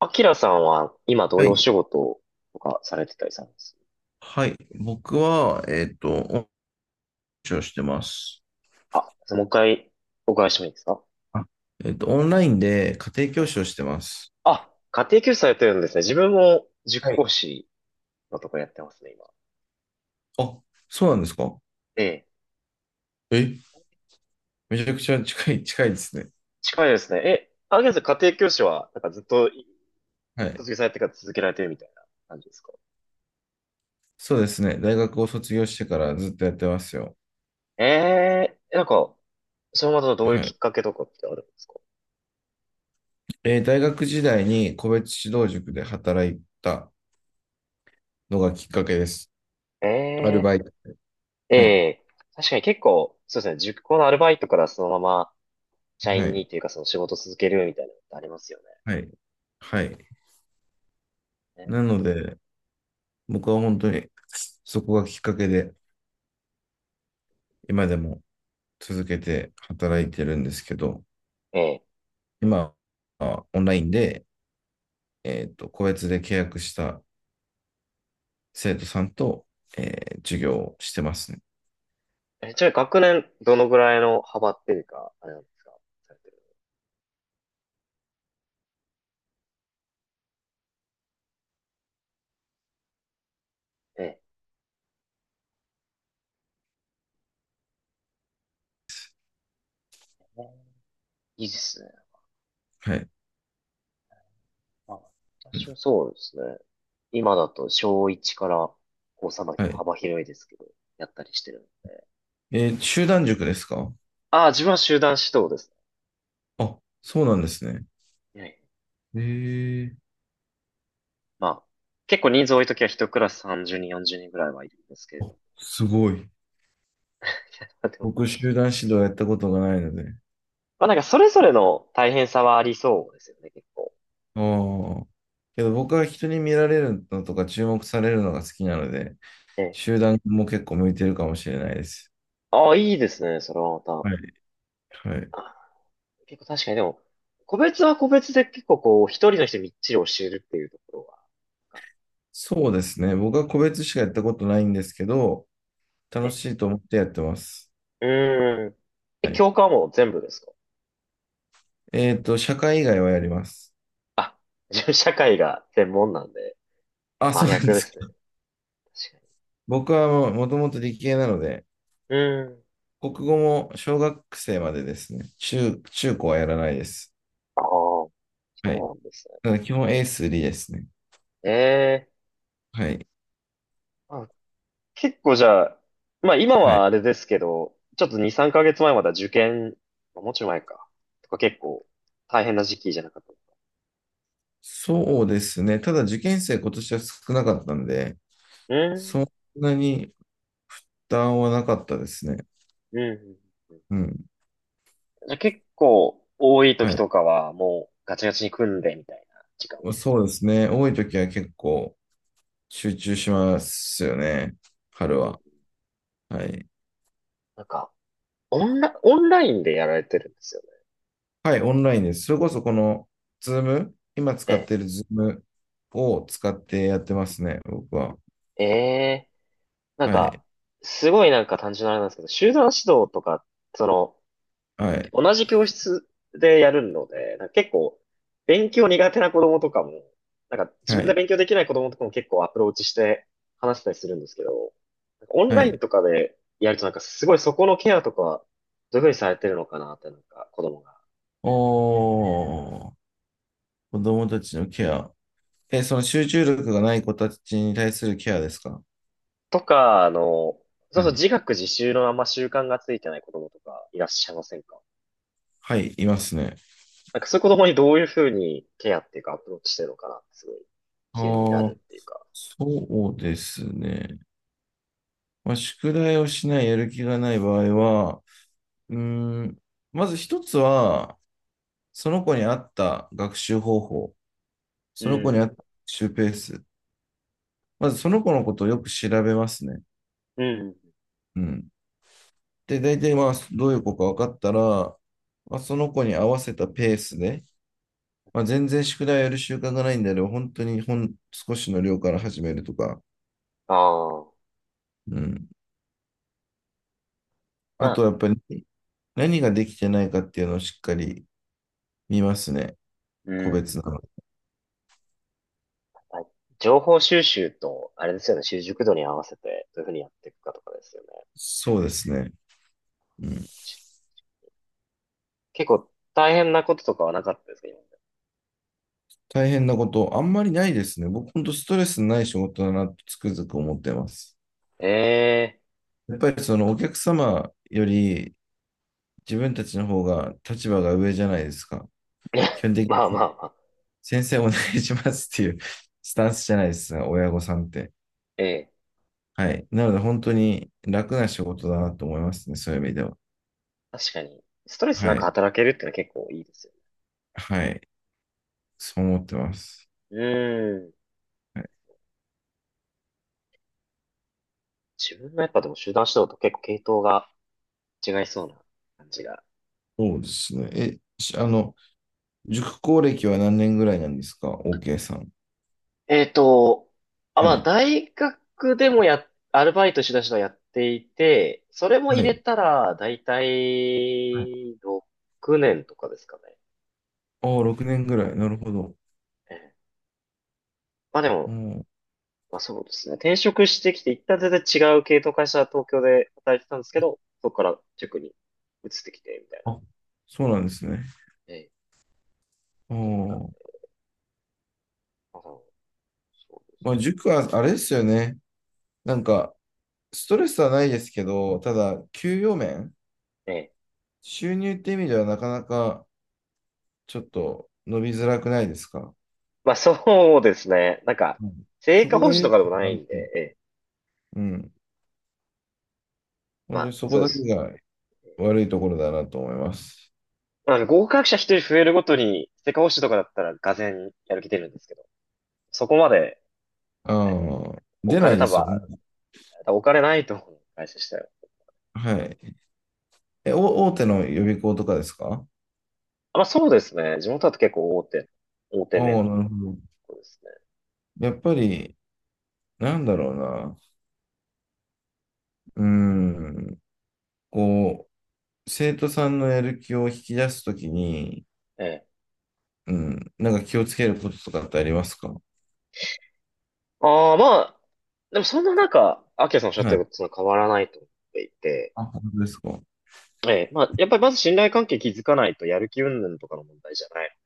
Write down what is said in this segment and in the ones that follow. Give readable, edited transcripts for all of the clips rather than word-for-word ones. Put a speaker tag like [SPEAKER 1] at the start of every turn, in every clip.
[SPEAKER 1] アキラさんは今どう
[SPEAKER 2] は
[SPEAKER 1] いうお
[SPEAKER 2] い。
[SPEAKER 1] 仕事とかされてたりされます？
[SPEAKER 2] はい。僕は、恩師をしてます。
[SPEAKER 1] あ、もう一回お伺いしてもいいですか？
[SPEAKER 2] あオンラインで家庭教
[SPEAKER 1] え
[SPEAKER 2] 師をしてます。
[SPEAKER 1] あ、家庭教師されてるんですね。自分も塾
[SPEAKER 2] はい。
[SPEAKER 1] 講師のとこやってますね、今。
[SPEAKER 2] あ、そうなんですか？
[SPEAKER 1] ええ、
[SPEAKER 2] え、めちゃくちゃ近い、近いですね。
[SPEAKER 1] 近いですね。え、アキラさん家庭教師は、なんかずっと
[SPEAKER 2] はい。
[SPEAKER 1] 卒業されてから続けられてるみたいな感じですか？
[SPEAKER 2] そうですね。大学を卒業してからずっとやってますよ。
[SPEAKER 1] ええ、なんか、それまたどういう
[SPEAKER 2] は
[SPEAKER 1] きっ
[SPEAKER 2] い。
[SPEAKER 1] かけとかってあるんですか？
[SPEAKER 2] 大学時代に個別指導塾で働いたのがきっかけです。
[SPEAKER 1] え
[SPEAKER 2] アル
[SPEAKER 1] え、
[SPEAKER 2] バイト。
[SPEAKER 1] え
[SPEAKER 2] はい。
[SPEAKER 1] え、確かに結構、そうですね、塾講のアルバイトからそのまま社
[SPEAKER 2] は
[SPEAKER 1] 員
[SPEAKER 2] い。
[SPEAKER 1] にというかその仕事続けるみたいなのってありますよね。
[SPEAKER 2] はい。はい。
[SPEAKER 1] ね。
[SPEAKER 2] なので、僕は本当にそこがきっかけで、今でも続けて働いてるんですけど、
[SPEAKER 1] ええ。
[SPEAKER 2] 今はオンラインで、個別で契約した生徒さんと、授業をしてますね。
[SPEAKER 1] え、ちなみに学年、どのぐらいの幅っていうか、あれなんですか？されてる。ええ。ね、いいですね。
[SPEAKER 2] はい。
[SPEAKER 1] あ、私はそうですね。今だと小1から高3まで
[SPEAKER 2] はい。
[SPEAKER 1] 幅広いですけど、やったりしてるので。
[SPEAKER 2] 集団塾ですか？
[SPEAKER 1] ああ、自分は集団指導です
[SPEAKER 2] あ、そうなんですね。
[SPEAKER 1] ね。ええ。
[SPEAKER 2] ええ、
[SPEAKER 1] まあ、結構人数多いときは一クラス30人、40人ぐらいはいるんですけれ
[SPEAKER 2] あ、
[SPEAKER 1] ど。
[SPEAKER 2] すごい。
[SPEAKER 1] でも、
[SPEAKER 2] 僕、集団指導やったことがないので。
[SPEAKER 1] まあなんかそれぞれの大変さはありそうですよね、結構。
[SPEAKER 2] ああ。けど僕は人に見られるのとか注目されるのが好きなので、
[SPEAKER 1] ええ。
[SPEAKER 2] 集団も結構向いてるかもしれないです。
[SPEAKER 1] ああ、いいですね、それはま
[SPEAKER 2] はい。はい。
[SPEAKER 1] た。結構確かにでも、個別は個別で結構こう、一人の人にみっちり教えるっていうところは、なんか
[SPEAKER 2] そうですね。僕は個別しかやったことないんですけど、楽
[SPEAKER 1] ね。
[SPEAKER 2] しいと思ってやってます。
[SPEAKER 1] うーん。え、
[SPEAKER 2] はい。
[SPEAKER 1] 教科はもう全部ですか？
[SPEAKER 2] 社会以外はやります。
[SPEAKER 1] あ、自分社会が専門なんで、
[SPEAKER 2] あ、そ
[SPEAKER 1] 真
[SPEAKER 2] うなんで
[SPEAKER 1] 逆で
[SPEAKER 2] すか。
[SPEAKER 1] すね。確か
[SPEAKER 2] 僕はもうもともと理系なので、
[SPEAKER 1] に。うーん。
[SPEAKER 2] 国語も小学生までですね。中高はやらないです。
[SPEAKER 1] ああ、そう
[SPEAKER 2] はい。
[SPEAKER 1] なんですね。
[SPEAKER 2] ただ基本 A3 ですね。
[SPEAKER 1] ええ。
[SPEAKER 2] はい。
[SPEAKER 1] あ、結構じゃあ、まあ今
[SPEAKER 2] はい。
[SPEAKER 1] はあれですけど、ちょっと2、3ヶ月前まだ受験、あもうちょい前か。とか結構大変な時期じゃなかった。
[SPEAKER 2] そうですね。ただ受験生今年は少なかったんで、
[SPEAKER 1] うー
[SPEAKER 2] そん
[SPEAKER 1] ん。
[SPEAKER 2] なに負担はなかったですね。
[SPEAKER 1] うん。うん。
[SPEAKER 2] うん。
[SPEAKER 1] じゃあ結構多い時
[SPEAKER 2] はい。
[SPEAKER 1] とかはもうガチガチに組んでみたいな時間。
[SPEAKER 2] そうですね。多い時は結構、集中しますよね。
[SPEAKER 1] う
[SPEAKER 2] 春
[SPEAKER 1] ん。
[SPEAKER 2] は。はい。
[SPEAKER 1] なんか、オンラインでやられてるんですよ
[SPEAKER 2] はい、オンラインです。それこそこの、ズーム、今使っ
[SPEAKER 1] ね。
[SPEAKER 2] てるズームを使ってやってますね、僕は。
[SPEAKER 1] ええ。ええ。なん
[SPEAKER 2] は
[SPEAKER 1] か、
[SPEAKER 2] い、
[SPEAKER 1] すごいなんか単純なあれなんですけど、集団指導とか、その、
[SPEAKER 2] はい、
[SPEAKER 1] 同じ教室でやるので、なんか結構、勉強苦手な子供とかも、なんか自
[SPEAKER 2] は
[SPEAKER 1] 分で
[SPEAKER 2] い、
[SPEAKER 1] 勉強できない子供とかも結構アプローチして話したりするんですけど、なんかオン
[SPEAKER 2] は
[SPEAKER 1] ライン
[SPEAKER 2] い。
[SPEAKER 1] とかでやるとなんかすごいそこのケアとか、どういうふうにされてるのかなってなんか子供が。
[SPEAKER 2] おー、子供たちのケア。え、その集中力がない子たちに対するケアですか？
[SPEAKER 1] とか、あの、そうそ
[SPEAKER 2] は
[SPEAKER 1] う
[SPEAKER 2] い。
[SPEAKER 1] 自学自習のあんま習慣がついてない子供とかいらっしゃいませんか？
[SPEAKER 2] はい、いますね。
[SPEAKER 1] なんかそういう子供にどういうふうにケアっていうかアプローチしてるのかなってすごい
[SPEAKER 2] あ
[SPEAKER 1] 気にな
[SPEAKER 2] ー、
[SPEAKER 1] るっていうか。
[SPEAKER 2] そうですね。まあ、宿題をしない、やる気がない場合は、うーん、まず一つは、その子に合った学習方法、
[SPEAKER 1] う
[SPEAKER 2] その子に合
[SPEAKER 1] ん。
[SPEAKER 2] った学習ペース、まずその子のことをよく調べますね。
[SPEAKER 1] うん。
[SPEAKER 2] うん。で、大体まあ、どういう子か分かったら、まあ、その子に合わせたペースで、まあ、全然宿題やる習慣がないんであれば、本当にほん少しの量から始めるとか、
[SPEAKER 1] ああ。
[SPEAKER 2] うん。
[SPEAKER 1] ま
[SPEAKER 2] あと
[SPEAKER 1] あ。
[SPEAKER 2] はやっぱり何ができてないかっていうのをしっかり見ますね。
[SPEAKER 1] う
[SPEAKER 2] 個別
[SPEAKER 1] ん。
[SPEAKER 2] なの。
[SPEAKER 1] まあ情報収集と、あれですよね、習熟度に合わせて、どういうふうにやっていくかとかですよね。
[SPEAKER 2] そうですね。うん、
[SPEAKER 1] し、結構大変なこととかはなかったですか、今まで。
[SPEAKER 2] 大変なこと、あんまりないですね。僕、本当ストレスない仕事だなとつくづく思ってます。
[SPEAKER 1] ええ。
[SPEAKER 2] やっぱりそのお客様より自分たちの方が立場が上じゃないですか。基本的
[SPEAKER 1] まあ
[SPEAKER 2] に
[SPEAKER 1] まあまあ。
[SPEAKER 2] 先生お願いしますっていうスタンスじゃないですか、親御さんって。
[SPEAKER 1] ええ。
[SPEAKER 2] はい。なので本当に楽な仕事だなと思いますね、そういう意味では。
[SPEAKER 1] 確かに、ストレスな
[SPEAKER 2] は
[SPEAKER 1] く
[SPEAKER 2] い。
[SPEAKER 1] 働けるってのは結構いいですよね。
[SPEAKER 2] はい。そう思ってます。
[SPEAKER 1] うん。
[SPEAKER 2] はい、
[SPEAKER 1] 自分のやっぱでも集団指導と結構系統が違いそうな感じが。
[SPEAKER 2] そうですね。え、しあの、塾講歴は何年ぐらいなんですか ?OK さん。
[SPEAKER 1] えっと、あ、ま
[SPEAKER 2] は
[SPEAKER 1] あ、
[SPEAKER 2] い。
[SPEAKER 1] 大学でもや、アルバイトしだしのやっていて、それも入
[SPEAKER 2] は
[SPEAKER 1] れ
[SPEAKER 2] い。
[SPEAKER 1] たら、だいた
[SPEAKER 2] はい。
[SPEAKER 1] い6年とかですかね。
[SPEAKER 2] ああ、6年ぐらい。なるほど。
[SPEAKER 1] ええ。まあで
[SPEAKER 2] う
[SPEAKER 1] も、
[SPEAKER 2] ん。
[SPEAKER 1] まあそうですね。転職してきて、一旦全然違う系統会社、東京で働いてたんですけど、そこから塾に移ってきて、みたいな。
[SPEAKER 2] あ、そうなんですね。
[SPEAKER 1] ええ、
[SPEAKER 2] あ
[SPEAKER 1] だっとあるん
[SPEAKER 2] あ。
[SPEAKER 1] で。まあ、そうです
[SPEAKER 2] もう
[SPEAKER 1] ね。
[SPEAKER 2] 塾はあれですよね。なんか、ストレスはないですけど、ただ、給与面、
[SPEAKER 1] ええ。
[SPEAKER 2] 収入って意味ではなかなかちょっと伸びづらくないですか。
[SPEAKER 1] まあそうですね。なんか、
[SPEAKER 2] うん、
[SPEAKER 1] 成
[SPEAKER 2] そ
[SPEAKER 1] 果
[SPEAKER 2] こ
[SPEAKER 1] 報
[SPEAKER 2] が
[SPEAKER 1] 酬
[SPEAKER 2] 唯
[SPEAKER 1] と
[SPEAKER 2] 一
[SPEAKER 1] かでもな
[SPEAKER 2] な
[SPEAKER 1] い
[SPEAKER 2] んで
[SPEAKER 1] んで、
[SPEAKER 2] すね。
[SPEAKER 1] ええ。
[SPEAKER 2] うん。
[SPEAKER 1] ま
[SPEAKER 2] 本当に
[SPEAKER 1] あ、
[SPEAKER 2] そこ
[SPEAKER 1] そうで
[SPEAKER 2] だけ
[SPEAKER 1] す
[SPEAKER 2] が
[SPEAKER 1] ね。
[SPEAKER 2] 悪いところだなと思います。
[SPEAKER 1] あの、合格者一人増えるごとに、世界保守とかだったら、がぜんやる気出るんですけど、そこまで。
[SPEAKER 2] ああ、
[SPEAKER 1] お
[SPEAKER 2] 出な
[SPEAKER 1] 金
[SPEAKER 2] いで
[SPEAKER 1] 多
[SPEAKER 2] すよ
[SPEAKER 1] 分、
[SPEAKER 2] ね。
[SPEAKER 1] 多分お金ないと思う、会社したよ。
[SPEAKER 2] はい。大手の予備校とかですか？
[SPEAKER 1] あまあ、そうですね。地元だと結構大手、大手
[SPEAKER 2] ああ、
[SPEAKER 1] 目なこ
[SPEAKER 2] なるほど。
[SPEAKER 1] とですね。
[SPEAKER 2] やっぱり、なんだろうな。うーん。こう、生徒さんのやる気を引き出すときに、
[SPEAKER 1] ええ。
[SPEAKER 2] うん。なんか気をつけることとかってありますか？
[SPEAKER 1] ああ、まあ、でもそんな中、アキラさんおっしゃって
[SPEAKER 2] はい。
[SPEAKER 1] ることと変わらないと思っていて、
[SPEAKER 2] あ、本当ですか。は
[SPEAKER 1] ええ、まあ、やっぱりまず信頼関係築かないとやる気云々とかの問題じゃない。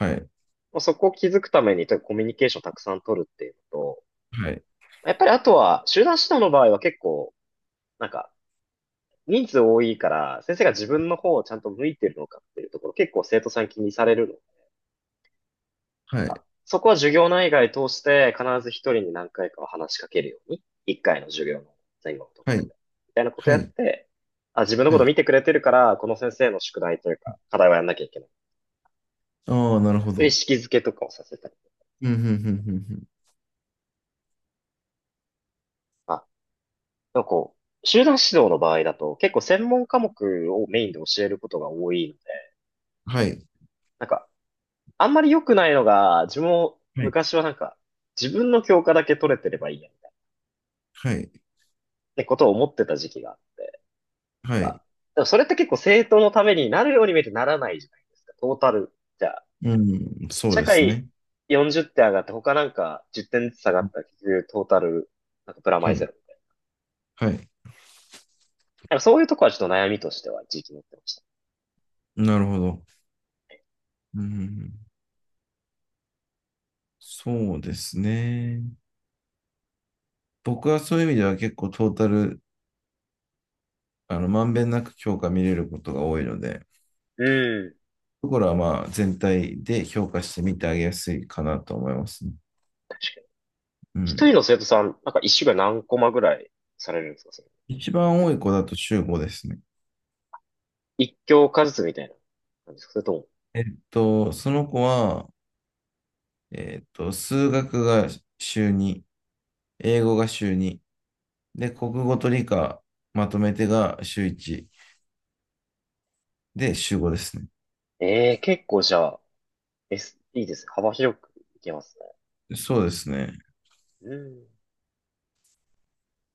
[SPEAKER 2] い。
[SPEAKER 1] まあ、そこを築くために、とにかくコミュニケーションをたくさん取るっていうのと、
[SPEAKER 2] はい。
[SPEAKER 1] やっぱりあとは、集団指導の場合は結構、なんか、人数多いから、先生が自分の方をちゃんと向いてるのかっていうところ、結構生徒さん気にされるの
[SPEAKER 2] は
[SPEAKER 1] か。
[SPEAKER 2] い。
[SPEAKER 1] そこは授業内外通して必ず一人に何回かは話しかけるように、一回の授業の前後のとこ
[SPEAKER 2] はい。は
[SPEAKER 1] ろ
[SPEAKER 2] い。
[SPEAKER 1] で、みたいなこと
[SPEAKER 2] は
[SPEAKER 1] やっ
[SPEAKER 2] い。
[SPEAKER 1] て、あ、自分の
[SPEAKER 2] は
[SPEAKER 1] こと見
[SPEAKER 2] い。
[SPEAKER 1] てくれてるから、この先生の宿題というか、課題はやんなきゃいけない。
[SPEAKER 2] ああ、なるほ
[SPEAKER 1] そういう意
[SPEAKER 2] ど。
[SPEAKER 1] 識づけとかをさせたりと
[SPEAKER 2] うん、うん、うん、うん。うん。
[SPEAKER 1] か、なんかこう、集団指導の場合だと、結構専門科目をメインで教えることが多いので、
[SPEAKER 2] はい。
[SPEAKER 1] なんかあんまり良くないのが、自分も
[SPEAKER 2] はい。
[SPEAKER 1] 昔はなんか、自分の教科だけ取れてればいいや、みたいなっ
[SPEAKER 2] はい。
[SPEAKER 1] てことを思ってた時期があって、
[SPEAKER 2] はい。
[SPEAKER 1] あ、でもそれって結構政党のためになるように見えてならないじゃないですか、トータル。じゃあ、
[SPEAKER 2] うん、そう
[SPEAKER 1] 社
[SPEAKER 2] です
[SPEAKER 1] 会
[SPEAKER 2] ね。
[SPEAKER 1] 40点上がって他なんか10点ずつ下がったら結局トータル、なんかプラマ
[SPEAKER 2] は
[SPEAKER 1] イゼ
[SPEAKER 2] い。
[SPEAKER 1] ロみたいな。
[SPEAKER 2] はい。
[SPEAKER 1] なんかそういうとこはちょっと悩みとしては時期持ってました。
[SPEAKER 2] なるほど。うん。そうですね。僕はそういう意味では結構トータル、まんべんなく評価見れることが多いので、
[SPEAKER 1] うん、
[SPEAKER 2] ところはまあ全体で評価してみてあげやすいかなと思いますね。
[SPEAKER 1] 確かに。
[SPEAKER 2] う
[SPEAKER 1] 一
[SPEAKER 2] ん。
[SPEAKER 1] 人の生徒さん、なんか一週間何コマぐらいされるんですか、それ。
[SPEAKER 2] 一番多い子だと中5ですね。
[SPEAKER 1] 一教科ずつみたいな感じですかそれとも。
[SPEAKER 2] その子は、数学が週2、英語が週2、で、国語と理科まとめてが週1、で、週5ですね。
[SPEAKER 1] ええー結構じゃあ、え、すいいです。幅広くいけますね。
[SPEAKER 2] そうですね。
[SPEAKER 1] うん。